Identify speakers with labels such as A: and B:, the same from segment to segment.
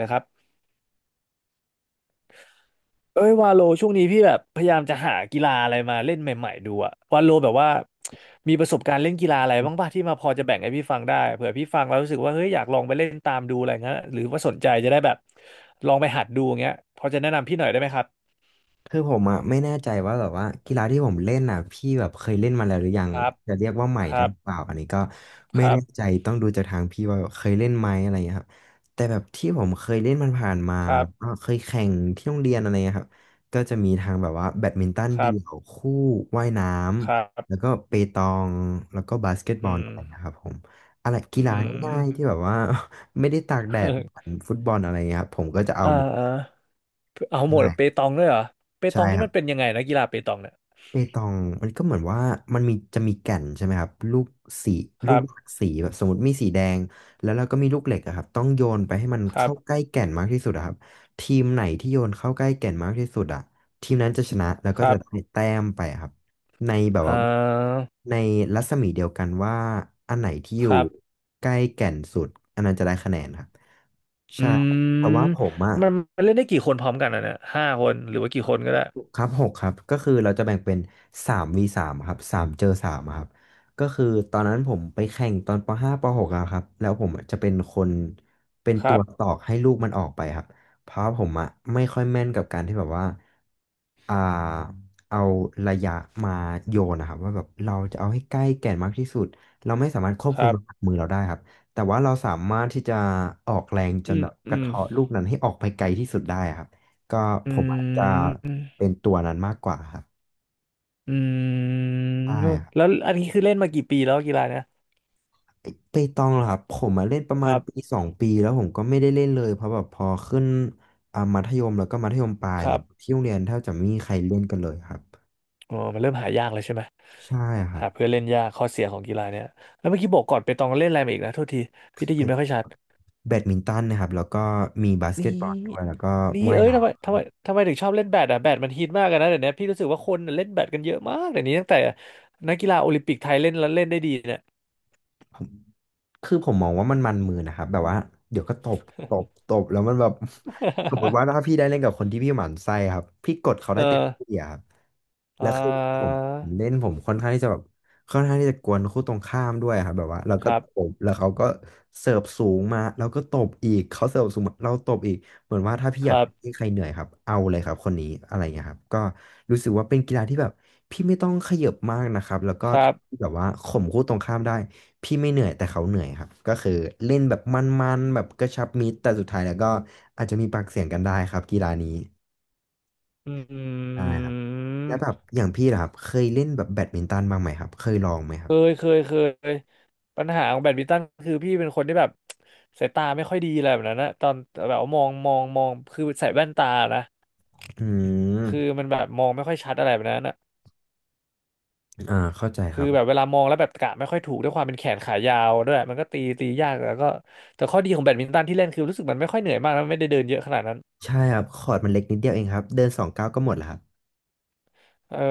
A: นะครับเอ้ยวาโลช่วงนี้พี่แบบพยายามจะหากีฬาอะไรมาเล่นใหม่ๆดูอะวาโลแบบว่ามีประสบการณ์เล่นกีฬาอะไรบ้างป่ะที่มาพอจะแบ่งให้พี่ฟังได้เผื่อพี่ฟังแล้วรู้สึกว่าเฮ้ยอยากลองไปเล่นตามดูอะไรเงี้ยหรือว่าสนใจจะได้แบบลองไปหัดดูอย่างเงี้ยพอจะแนะนำพี่หน่อยได้ไหมครับ
B: คือผมอ่ะไม่แน่ใจว่าแบบว่ากีฬาที่ผมเล่นอ่ะพี่แบบเคยเล่นมาแล้วหรือยัง
A: ครับ
B: จะเรียกว่าใหม่
A: ค
B: ได้
A: รับ
B: หรือเปล่าอันนี้ก็
A: ค
B: ไม่
A: รับ
B: แน่ใจต้องดูจากทางพี่ว่าเคยเล่นไหมอะไรเงี้ยครับแต่แบบที่ผมเคยเล่นมันผ่านๆมา
A: ครั
B: แล้
A: บ
B: วก็เคยแข่งที่โรงเรียนอะไรเงี้ยครับก็จะมีทางแบบว่าแบดมินตัน
A: ครั
B: เดี่
A: บ
B: ยวคู่ว่ายน้
A: ครั
B: ำแล้ว
A: บ
B: ก็เปตองแล้วก็บาสเกตบอ
A: อื
B: ล
A: ม
B: อะไรเงี้ยครับผมอะไรกี
A: อื
B: ฬา
A: ม
B: ง่ายๆที่แบบว่า ไม่ได้ตากแดดเหมือนฟุตบอลอะไรเงี้ยครับผมก็จะเอา
A: อ่า
B: หมด
A: อ่าเอาหม
B: ใช่
A: ดเปตองด้วยเหรอเปต
B: ใช่
A: องนี่
B: ครั
A: มันเป็
B: บ
A: นยังไงนะกีฬาเปตองเนี่ย
B: เปตองมันก็เหมือนว่ามันมีจะมีแก่นใช่ไหมครับลูกสี
A: ค
B: ลู
A: รั
B: ก
A: บ
B: หลากสีแบบสมมติมีสีแดงแล้วเราก็มีลูกเหล็กอะครับต้องโยนไปให้มัน
A: ครับ
B: เข้าใกล้แก่นมากที่สุดอะครับทีมไหนที่โยนเข้าใกล้แก่นมากที่สุดอะทีมนั้นจะชนะแล้ว
A: ค
B: ก็
A: รั
B: จะ
A: บ
B: ได้แต้มไปอะครับในแบบ
A: อ่
B: ว่า
A: า
B: ในรัศมีเดียวกันว่าอันไหนที่อ
A: ค
B: ยู่
A: รับ
B: ใกล้แก่นสุดอันนั้นจะได้คะแนนครับใช่
A: อื
B: แต่ว่าผ
A: ม
B: มอะ
A: มันมันเล่นได้กี่คนพร้อมกันอ่ะเนี่ยห้าคนหรือว่ากี่คนก็ได้
B: ครับหกครับก็คือเราจะแบ่งเป็นสามวีสามครับสามเจอสามครับก็คือตอนนั้นผมไปแข่งตอนปห้าปหกอะครับแล้วผมอะจะเป็นคนเป็น
A: ค
B: ตั
A: รั
B: ว
A: บ
B: ตอกให้ลูกมันออกไปครับเพราะผมอะไม่ค่อยแม่นกับการที่แบบว่า อ่าเอาระยะมาโยนนะครับว่าแบบเราจะเอาให้ใกล้แก่นมากที่สุดเราไม่สามารถควบ
A: ค
B: คุม
A: รับ
B: น้ำหนักมือเราได้ครับแต่ว่าเราสามารถที่จะออกแรงจ
A: อื
B: น
A: ม
B: แบบก
A: อื
B: ระ
A: ม
B: เทาะลูกนั้นให้ออกไปไกลที่สุดได้ครับก็
A: อื
B: ผมอาจจะ
A: ม
B: เป็นตัวนั้นมากกว่าครับ
A: อื
B: ใช่
A: ม
B: ครับ
A: แล้วอันนี้คือเล่นมากี่ปีแล้วกีฬาเนี่ย
B: ไปตองเหรอครับผมมาเล่นประ
A: ค
B: มาณ
A: รั
B: ปี
A: บ
B: สองปีแล้วผมก็ไม่ได้เล่นเลยเพราะแบบพอขึ้นมัธยมแล้วก็มัธยมปลาย
A: ค
B: เห
A: รั
B: มือน
A: บ
B: ที่โรงเรียนแทบจะไม่มีใครเล่นกันเลยครับ
A: อ๋อมันเริ่มหายากเลยใช่ไหม
B: ใช่ครับ
A: หาเพื่อนเล่นยากข้อเสียของกีฬาเนี่ยแล้วเมื่อกี้บอกก่อนไปตองเล่นอะไรมาอีกนะโทษทีพี่ได้ยินไม่ค่อยชัด
B: แบดมินตันนะครับแล้วก็มีบาสเก
A: นี่
B: ตบอลด้วยแล้วก็
A: นี่
B: ว่าย
A: เอ้ย
B: น้
A: ทำไมทำไมถึงชอบเล่นแบดอ่ะแบดมันฮิตมากอะนนะเดี๋ยวนี้พี่รู้สึกว่าคนเล่นแบดกันเยอะมากเดี๋ยวนี้ตั้งแต่นักกีฬาโอลิมปิกไทยเล่นแล้วเล่นได้ดี
B: ำผม คือผมมองว่ามันมือนะครับแบบว่าเดี๋ยวก็ตบตบตบแล้วมันแบบ สมมติว่า ถ้าพี่ได้เล่นกับคนที่พี่หมั่นไส้ครับพี่กดเขา
A: เอ
B: ได้
A: อ
B: เต็มที่อะครับ
A: อ่
B: แล้วคือผม
A: า
B: ผมเล่นผมค่อนข้างที่จะแบบค่อนข้างที่จะกวนคู่ตรงข้ามด้วยครับแบบว่าเรา
A: ค
B: ก็
A: รั
B: ต
A: บ
B: บแล้วเขาก็เสิร์ฟสูงมาแล้วก็ตบอีกเขาเสิร์ฟสูงมาเราตบอีกเหมือนว่าถ้าพี่
A: ค
B: อยาก
A: รับ
B: ให้ใครเหนื่อยครับเอาเลยครับคนนี้อะไรเงี้ยครับก็รู้สึกว่าเป็นกีฬาที่แบบพี่ไม่ต้องขยับมากนะครับแล้วก็
A: ครั
B: ทำให้
A: บ
B: แบบว่าข่มคู่ตรงข้ามได้ พี่ไม่เหนื่อยแต่เขาเหนื่อยครับก็คือเล่นแบบมันๆแบบกระชับมิตรแต่สุดท้ายแล้วก็อาจจะมีปากเสียงกันได้ครับกีฬานี้
A: อื
B: ใช่ครับแล้วแบบ
A: ม
B: อย่างพี่ล่ะครับเคยเล่นแบบแบดมินตันบ้างไหมครับเคยลองไหมค
A: เค
B: รับ
A: ยเคยเคย ปัญหาของแบดมินตันคือพี่เป็นคนที่แบบ สายตาไม่ค่อยดีอะไรแบบนั้นนะตอนแบบว่ามองคือใส่แว่นตานะ
B: อื
A: คือ
B: ม
A: มันแบบมองไม่ค่อยชัดอะไรแบบนั้นนะ
B: อ่าเข้าใจค
A: คือ
B: รับ
A: แบบเวลามองแล้วแบบกะไม่ค่อยถูกด้วยความเป็นแขนขายาวด้วยมันก็ตียากแล้วก็แต่ข้อดีของแบดมินตันที่เล่นคือรู้สึกมันไม่ค่อยเหนื่อยมากแล้วไม่ได้เดินเยอะขนาดนั้น
B: ใช่ครับคอร์ตมันเล็กนิดเดียวเองครับเดินสองก้าวก็หมดแล้วครับ
A: เออ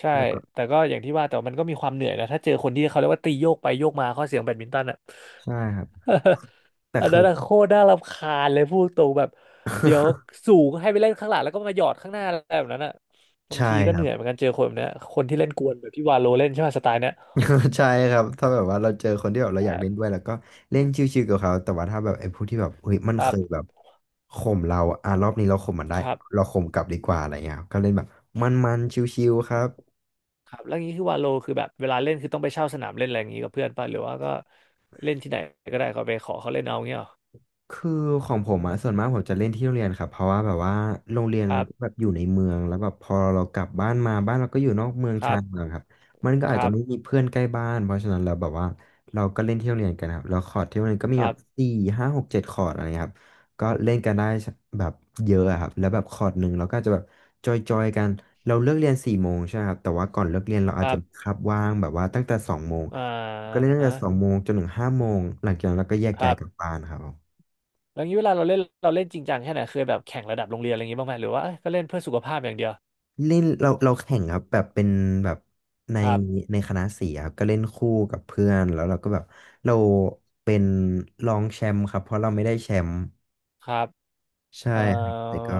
A: ใช่
B: แล้วก็
A: แต่ก็อย่างที่ว่าแต่ว่ามันก็มีความเหนื่อยนะถ้าเจอคนที่เขาเรียกว่าตีโยกไปโยกมาข้อเสียงแบดมินตันอ่ะ
B: ใช่ครับแต่
A: อัน
B: คื
A: นั้
B: อ
A: นอะโคตรน่ารำคาญเลยพูดตรงแบบเดี๋ยวสูงให้ไปเล่นข้างหลังแล้วก็มาหยอดข้างหน้าอะไรแบบนั้นอ่ะบาง
B: ใช่
A: ทีก็
B: ค
A: เห
B: รั
A: นื่
B: บ
A: อยเหมือนกันเจอคนแบบเนี้ยคนที่เล่นกวนแบบที่วาโลเล่นใช่ไหมสไตล์เนี้ย
B: ใช่ครับถ้าแบบว่าเราเจอคนที่แบบเราอยากเล่นด้วยแล้วก็เล่นชิวๆกับเขาแต่ว่าถ้าแบบไอ้พวกที่แบบเฮ้ยมัน
A: ค
B: เค
A: รั
B: ยแบ
A: บ
B: บข่มเราอะอ่ะรอบนี้เราข่มมันได้
A: ครับ
B: เราข่มกลับดีกว่าอะไรเงี้ยครับก็เล่นแบบมันๆชิวๆครับ
A: ครับแล้วางนี้คือวาโลคือแบบเวลาเล่นคือต้องไปเช่าสนามเล่นอะไรอย่างงี้กับเพื่อนป่ะหรือว่าก็เล่นที่ไหนก็ได้เขาไปขอเขาเล่นเอาเงี้ยเหรอ
B: คือของผมอะส่วนมากผมจะเล่นที่โรงเรียนครับเพราะว่าแบบว่าโรงเรียน
A: ค
B: มั
A: รั
B: น
A: บ
B: ก็แบบอยู่ในเมืองแล้วแบบพอเรากลับบ้านมาบ้านเราก็อยู่นอกเมือง
A: ครั
B: ชานเมือ
A: บ
B: งครับมันก็
A: ค
B: อาจ
A: รั
B: จะไม่มี
A: บ
B: เพื่อนใกล้บ้านเพราะฉะนั้นเราแบบว่าเราก็เล่นที่โรงเรียนกันครับแล้วคอร์ดที่โรงเรียนก็มีแบบ
A: ค
B: สี่ห้าหกเจ็ดคอร์ดอะไรเงี้ยครับก็เล่นกันได้แบบเยอะอะครับแล้วแบบคอร์ดหนึ่งเราก็อาจจะแบบจอยจอยกันเราเลิกเรียนสี่โมงใช่ไหมครับแต่ว่าก่อนเลิกเรียนเราอาจจะ
A: รับ
B: มีคาบว่างแบบว่าตั้งแต่สองโมง
A: อ่
B: ก็เล่
A: า
B: นตั้งแต่สองโมงจนถึงห้าโมงหลังจากนั้นเราก็แยก
A: ค
B: ย้า
A: รั
B: ย
A: บ
B: กลับบ้านครับ
A: แล้วงี้เวลาเราเล่นเราเล่นจริงจังแค่ไหนเคยแบบแข่งระดับโรงเรียนอะไรอย่างงี้บ้างไหมหรือว่าเอ้ยก็เล่นเพื่อสุขภาพอย่างเดียว
B: เล่นเราแข่งครับแบบเป็นแบบใน
A: ครับ
B: ในคณะสีครับก็เล่นคู่กับเพื่อนแล้วเราก็แบบเราเป็นรองแชมป์ครับเพราะเราไม่ได้แชมป์
A: ครับ
B: ใช่
A: เอ่
B: ครับแต่
A: อ
B: ก็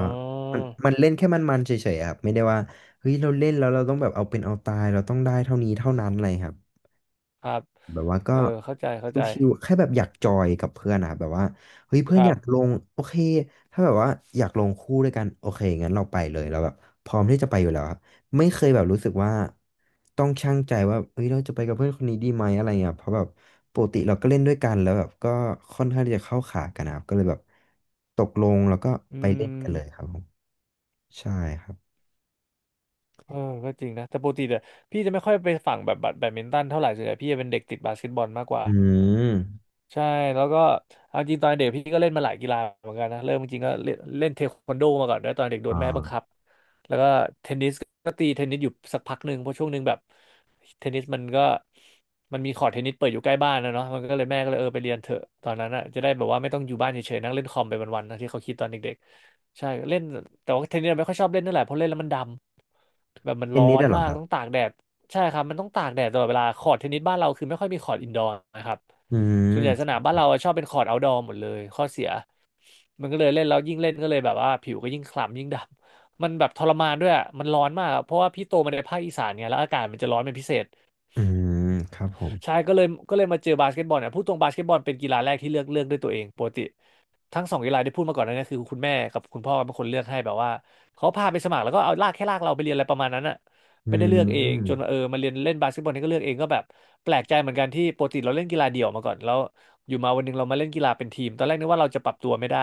B: มันเล่นแค่มันๆเฉยๆครับไม่ได้ว่าเฮ้ยเราเล่นแล้วเราต้องแบบเอาเป็นเอาตายเราต้องได้เท่านี้เท่านั้นอะไรครับ
A: ครับ
B: แบบว่าก็
A: เออเข้าใจเข้าใจ
B: ชิวๆแค่แบบอยากจอยกับเพื่อนอะแบบว่าเฮ้ย
A: ค
B: เพื่อน
A: รั
B: อยากล
A: บ
B: งโอเคถ้าแบบว่าอยากลงคู่ด้วยกันโอเคงั้นเราไปเลยเราแบบพร้อมที่จะไปอยู่แล้วครับไม่เคยแบบรู้สึกว่าต้องชั่งใจว่าเฮ้ยเราจะไปกับเพื่อนคนนี้ดีไหมอะไรเงี้ยเพราะแบบปกติเราก็เล่นด้วยกันแล้วแบบก็ค่อนข้างที่จะเข้าขากันนะครับก็เลยแบบตกลงแล้วก็
A: อื
B: ไปเล่นกันเลยค
A: ม
B: รับผมใช่ครับ
A: เออก็จริงนะแต่ปกติเนี่ยพี่จะไม่ค่อยไปฝั่งแบบแบดแบดมินตันเท่าไหร่ส่วนใหญ่พี่จะเป็นเด็กติดบาสเกตบอลมากกว่า
B: อืม
A: ใช่แล้วก็เอาจริงตอนเด็กพี่ก็เล่นมาหลายกีฬาเหมือนกันนะเริ่มจริงๆก็เล่นเล่นเทควันโดมาก่อนด้วยตอนเด็กโด
B: อ่
A: นแม่บังคับ
B: า
A: แล้วก็เทนนิสก็ตีเทนนิสอยู่สักพักหนึ่งเพราะช่วงหนึ่งแบบเทนนิสมันก็มันมีคอร์ตเทนนิสเปิดอยู่ใกล้บ้านนะเนาะมันก็เลยแม่ก็เลยเออไปเรียนเถอะตอนนั้นอ่ะจะได้แบบว่าไม่ต้องอยู่บ้านเฉยๆนั่งเล่นคอมไปวันๆนะที่เขาคิดตอนเด็กๆใช่เล่นแต่ว่าเทนนิสไม่ค่อยชอบเล่นเท่าไหร่เพราะเล่นแล้วมันดำแบบมัน
B: เท
A: ร้
B: น
A: อ
B: นิส
A: น
B: อะเหรอ
A: มา
B: ค
A: ก
B: รับ
A: ต้องตากแดดใช่ครับมันต้องตากแดดตลอดเวลาคอร์ตเทนนิสบ้านเราคือไม่ค่อยมีคอร์ตอินดอร์นะครับ
B: อื
A: ส่วนใหญ่สนาม
B: ม
A: บ้านเราอะชอบเป็นคอร์ตเอาท์ดอร์หมดเลยข้อเสียมันก็เลยเล่นแล้วยิ่งเล่นก็เลยแบบว่าผิวก็ยิ่งคล้ำยิ่งดำมันแบบทรมานด้วยอะมันร้อนมากอะเพราะว่าพี่โตมาในภาคอีสานไงแล้วอากาศมันจะร้อนเป็นพิเศษ
B: อืมครับผม
A: ใช่ก็เลยมาเจอบาสเกตบอลเนี่ยพูดตรงบาสเกตบอลเป็นกีฬาแรกที่เลือกด้วยตัวเองปกติทั้งสองกีฬาที่พูดมาก่อนหนั้านเนี่ยคือคุณแม่กับคุณพ่อเป็นคนเลือกให้แบบว่าเขาพาไปสมัครแล้วก็เอาลากแค่ลากเราไปเรียนอะไรประมาณนั้นอะ
B: อื
A: ไม่ได้เลือกเองจน
B: ม
A: มาเรียนเล่นบาสเกตบอลนี่ก็เลือกเองก็แบบแปลกใจเหมือนกันที่ปกติเราเล่นกีฬาเดี่ยวมาก่อนแล้วอยู่มาวันหนึงเรามาเล่นกีฬาเป็นทีมตอนแรกนึกว่าเราจะปรับตัวไม่ได้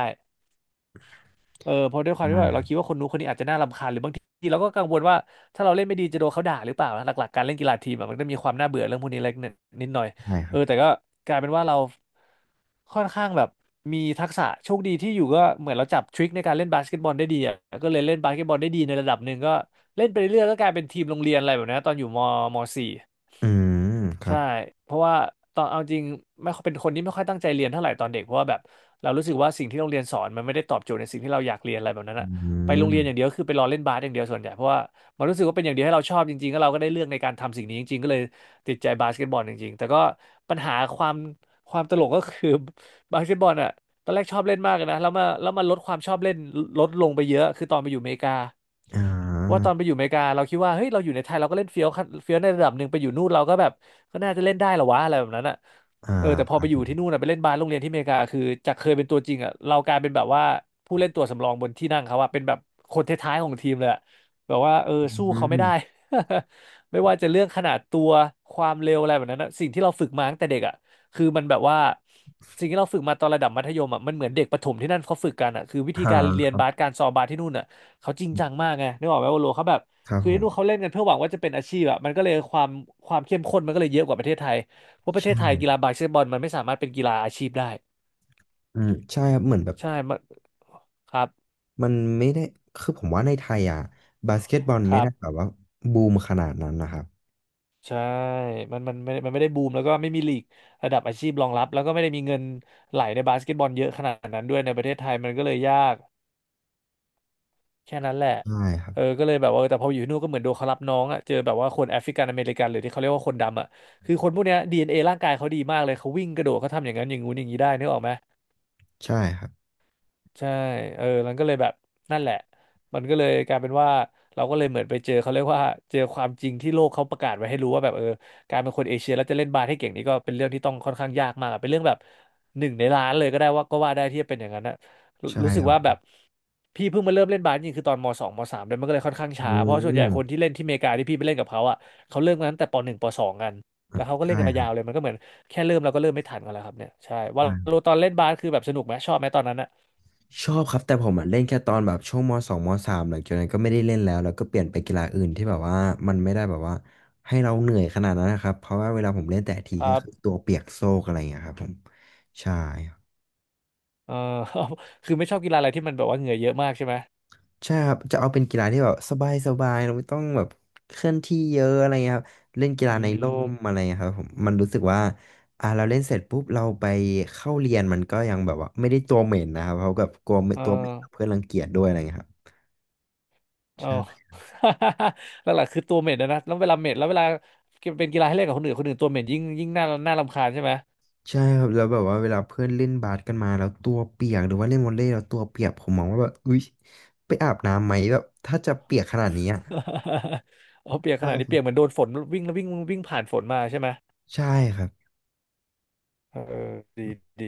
A: เออเพราะด้วยความที่ว่าเรา
B: อ่า
A: คิดว่าคนนู้นคนนี้อาจจะน่ารำคาญหรือบางทีเราก็กังวลว่าถ้าเราเล่นไม่ดีจะโดนเขาด่าหรือเปล่านะหลักๆการเล่นกีฬาทีมอะมันก็มีความน่าเบื่อเรื่องพวกนี้เล็กนิดหน่อย
B: ใช่ค
A: เอ
B: รั
A: อ
B: บ
A: แต่ก็กลายเป็นว่าเราค่อนข้างแบบมีทักษะโชคดีที่อยู่ก็เหมือนเราจับทริคในการเล่นบาสเกตบอลได้ดีอะก็เลยเล่นบาสเกตบอลได้ดีในระดับหนึ่งก็เล่นไปเรื่อยๆก็กลายเป็นทีมโรงเรียนอะไรแบบนี้ตอนอยู่ม .4
B: อืมครั
A: ใช่
B: บ
A: เพราะว่าตอนเอาจริงไม่ค่อยเป็นคนที่ไม่ค่อยตั้งใจเรียนเท่าไหร่ตอนเด็กเพราะว่าแบบเรารู้สึกว่าสิ่งที่โรงเรียนสอนมันไม่ได้ตอบโจทย์ในสิ่งที่เราอยากเรียนอะไรแบบนั้น
B: อื
A: อะไปโรงเรียนอย่างเดี
B: ม
A: ยวคือไปรอเล่นบาสอย่างเดียวส่วนใหญ่เพราะว่ามันรู้สึกว่าเป็นอย่างเดียวให้เราชอบจริงๆแล้วเราก็ได้เลือกในการทำสิ่งนี้จริงๆก็เลยติดใจบาสเกตบอลจริงๆแต่ก็ปัญหาความตลกก็คือบาสเกตบอลอะตอนแรกชอบเล่นมากเลยนะแล้วมาลดความชอบเล่นลดลงไปเยอะคือตอนไปอยู่อเมริกา
B: อ่
A: ว่าต
B: า
A: อนไปอยู่อเมริกาเราคิดว่าเฮ้ยเราอยู่ในไทยเราก็เล่นเฟี้ยวขั้นเฟี้ยวในระดับหนึ่งไปอยู่นู่นเราก็แบบ ก็น่าจะเล่นได้เหรอวะอะไรแบบนั้นอ่ะ
B: อ่า
A: เออแต่พ
B: ค
A: อ
B: รั
A: ไป
B: บ
A: อ
B: ผ
A: ยู่ที่
B: ม
A: นู่นอ่ะไปเล่นบาสโรงเรียนที่อเมริกาคือจากเคยเป็นตัวจริงอ่ะเรากลายเป็นแบบว่าผู้เล่นตัวสำรองบนที่นั่งเขาอ่ะเป็นแบบคนท้ายๆของทีมเลยอะแบบว่าเออ
B: อื
A: สู้เขาไม่ได้
B: ม
A: ไม่ว่าจะเรื่องขนาดตัวความเร็วอะไรแบบนั้นอะสิ่งที่เราฝึกมาตั้งแต่เด็กอ่ะคือมันแบบว่าสิ่งที่เราฝึกมาตอนระดับมัธยมอ่ะมันเหมือนเด็กประถมที่นั่นเขาฝึกกันอ่ะคือวิธี
B: อ่
A: การเรียน
B: า
A: บาสการซ้อมบาสที่นู่นอ่ะเขาจริงจังมากไงนึกออกไหมว่าโลเขาแบบ
B: ครับ
A: คือ
B: ผ
A: ที่
B: ม
A: นู่นเขาเล่นกันเพื่อหวังว่าจะเป็นอาชีพอะมันก็เลยความเข้มข้นมันก็เลยเยอะกว่าประเทศไทยเพราะประเท
B: ใช่
A: ศไทยกีฬาบาสเกตบอลมันไม่สามารถเป็นกีฬาอาชีพได้
B: อืมใช่ครับเหมือนแบบ
A: ใช่มันครับ
B: มันไม่ได้คือผมว่าในไทยอ่ะบาสเกตบอล
A: ค
B: ไม่
A: รั
B: ได้
A: บ
B: แบบว่าบูมขนาดนั้นนะครับ
A: ใช่มันไม่ได้บูมแล้วก็ไม่มีลีกระดับอาชีพรองรับแล้วก็ไม่ได้มีเงินไหลในบาสเกตบอลเยอะขนาดนั้นด้วยในประเทศไทยมันก็เลยยากแค่นั้นแหละ
B: ใช่ครับ
A: เออก็เลยแบบว่าแต่พออยู่ที่นู่นก็เหมือนโดนเขารับน้องอะเจอแบบว่าคนแอฟริกันอเมริกันหรือที่เขาเรียกว่าคนดำอะคือคนพวกเนี้ยดีเอ็น n a ร่างกายเขาดีมากเลยเขาวิ่งกระโดดเขาทำอย่างนั้นอย่างงู้นอย่างนี้ได้นึกออกไหม
B: ใช่ครับ
A: ใช่เออมันก็เลยแบบนั่นแหละมันก็เลยกลายเป็นว่าเราก็เลยเหมือนไปเจอเขาเรียกว่าเจอความจริงที่โลกเขาประกาศไว้ให้รู้ว่าแบบเออการเป็นคนเอเชียแล้วจะเล่นบาสให้เก่งนี่ก็เป็นเรื่องที่ต้องค่อนข้างยากมากอะเป็นเรื่องแบบหนึ่งในล้านเลยก็ได้ว่าก็ว่าได้ที่จะเป็นอย่างนั้นนะรู
B: ใช่
A: รู้สึ
B: ค
A: ก
B: รั
A: ว่าแบ
B: บ
A: บพี่เพิ่งมาเริ่มเล่นบาสจริงๆคือตอนมสองมสามเลยมันก็เลยค่อนข้างช้า
B: อื
A: เพราะส่วนใหญ่
B: ม
A: คนที่เล่นที่อเมริกาที่พี่ไปเล่นกับเขาอ่ะเขาเริ่มกันตั้งแต่ปหนึ่งปสองกันแล้วเขาก็เล่น
B: ใช่
A: กันมา
B: ครั
A: ยา
B: บ
A: วเลยมันก็เหมือนแค่เริ่มเราก็เริ่มไม่ทันกันแล้วครับเนี่ยใช่ว่าโลตอนเล่นบาสคือแบบสนุกไหมชอบไหมตอนนั้นอะ
B: ชอบครับแต่ผมอะเล่นแค่ตอนแบบช่วงมสองมสามหลังจากนั้นก็ไม่ได้เล่นแล้วแล้วก็เปลี่ยนไปกีฬาอื่นที่แบบว่ามันไม่ได้แบบว่าให้เราเหนื่อยขนาดนั้นนะครับเพราะว่าเวลาผมเล่นแต่ทีก็คือตัวเปียกโซกอะไรอย่างเงี้ยครับผมใช่ครับ
A: เออ คือไม่ชอบกีฬาอะไรที่มันแบบว่าเหงื่อเยอะมากใช่ไหม
B: ใช่ครับจะเอาเป็นกีฬาที่แบบสบายสบายเราไม่ต้องแบบเคลื่อนที่เยอะอะไรเงี้ยครับเล่นกีฬา
A: อื
B: ในร่มอะ
A: ม
B: ไรเงี้ยครับผมมันรู้สึกว่าอ่าเราเล่นเสร็จปุ๊บเราไปเข้าเรียนมันก็ยังแบบว่าไม่ได้ตัวเหม็นนะครับเพราะแบบกลัวไม่
A: เอ
B: ตัวเหม็น
A: อ
B: เพื่อนรังเกียจด้วยอะไรเงี้ยครับ
A: เออ
B: ใช่
A: หลักๆคือตัวเหม็นนะแล้วเวลาเหม็นแล้วเวลาเป็นกีฬาให้เล่นกับคนอื่นคนอื่นตัวเหม็นยิ่งน่ารำคาญใช่ไหม
B: ใช่ครับแล้วแบบว่าเวลาเพื่อนเล่นบาสกันมาแล้วตัวเปียกหรือว่าเล่นวอลเลย์แล้วตัวเปียกผมมองว่าแบบอุ๊ยไปอาบน้ำไหมแบบถ้าจะเปียกขนาดนี้อ่ะ
A: เอาเปียกข
B: ใช่
A: นาด
B: ค
A: นี้
B: รั
A: เปี
B: บ
A: ยกเหมือนโดนฝนวิ่งแล้ววิ่งวิ่งผ่านฝนมาใช่ไหม
B: ใช่ครับ
A: เออดีดี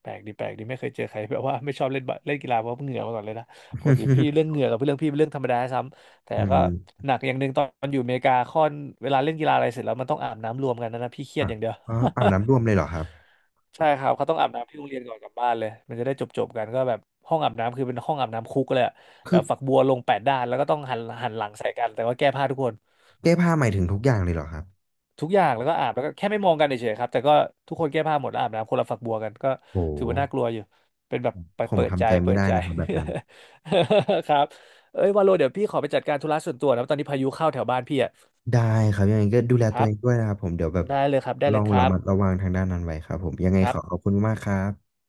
A: แปลกดีไม่เคยเจอใคร แบบว่าไม่ชอบเล่นบาเล่นกีฬาเพราะเหงื่อมาก่อนเลยนะปกติพี่เรื่อง เหงื่อกับเรื่องพี่เป็นเรื่องธรรมดาซ้ำแต่
B: อื
A: ก็
B: ม
A: หนักอย่างหนึ่งตอนอยู่อเมริกาค่อนเวลาเล่นกีฬาอะไรเสร็จแล้วมันต้องอาบน้ำรวมกันนะพี่เครียด
B: อ่ะ
A: อย่างเดียว
B: อ๋ออาบน้ำรวมเลยเหรอครับ
A: ใช่ครับเขาต้องอาบน้ำที่โรงเรียนก่อนกลับบ้านเลยมันจะได้จบกันก็แบบห้องอาบน้ำคือเป็นห้องอาบน้ำคุกเลยอะแบ
B: คือ
A: บฝักบัวลง8 ด้านแล้วก็ต้องหันหลังใส่กันแต่ว่าแก้ผ้าทุกคน
B: แก้ผ้าหมายถึงทุกอย่างเลยเหรอครับ
A: ทุกอย่างแล้วก็อาบแล้วก็แค่ไม่มองกันเฉยๆครับแต่ก็ทุกคนแก้ผ้าหมดแล้วอาบน้ำคนละฝักบัวกันก็
B: โห
A: ถือว่าน่ากลัวอยู่เป็นแบบไป
B: ผม
A: เปิดใจ
B: ทำใจ
A: เปิ
B: ไม่
A: ด
B: ได้
A: ใจ
B: นะครับแบบนั้น
A: ครับเอ้ยวาโลเดี๋ยวพี่ขอไปจัดการธุระส่วนตัวนะตอนนี้พายุเข้าแถวบ้านพี่อ่ะ
B: ได้ครับยังไงก็ดูแล
A: ค
B: ตัว
A: รั
B: เอ
A: บ
B: งด้วยนะครับผมเดี๋ยวแบบ
A: ได้เลยครับได้
B: ล
A: เล
B: อ
A: ย
B: ง
A: ค
B: ระ
A: รับ
B: มัดระวังทางด้านนั้นไว้ครับผมยังไง
A: ครั
B: ข
A: บ
B: อขอบคุณมากครับ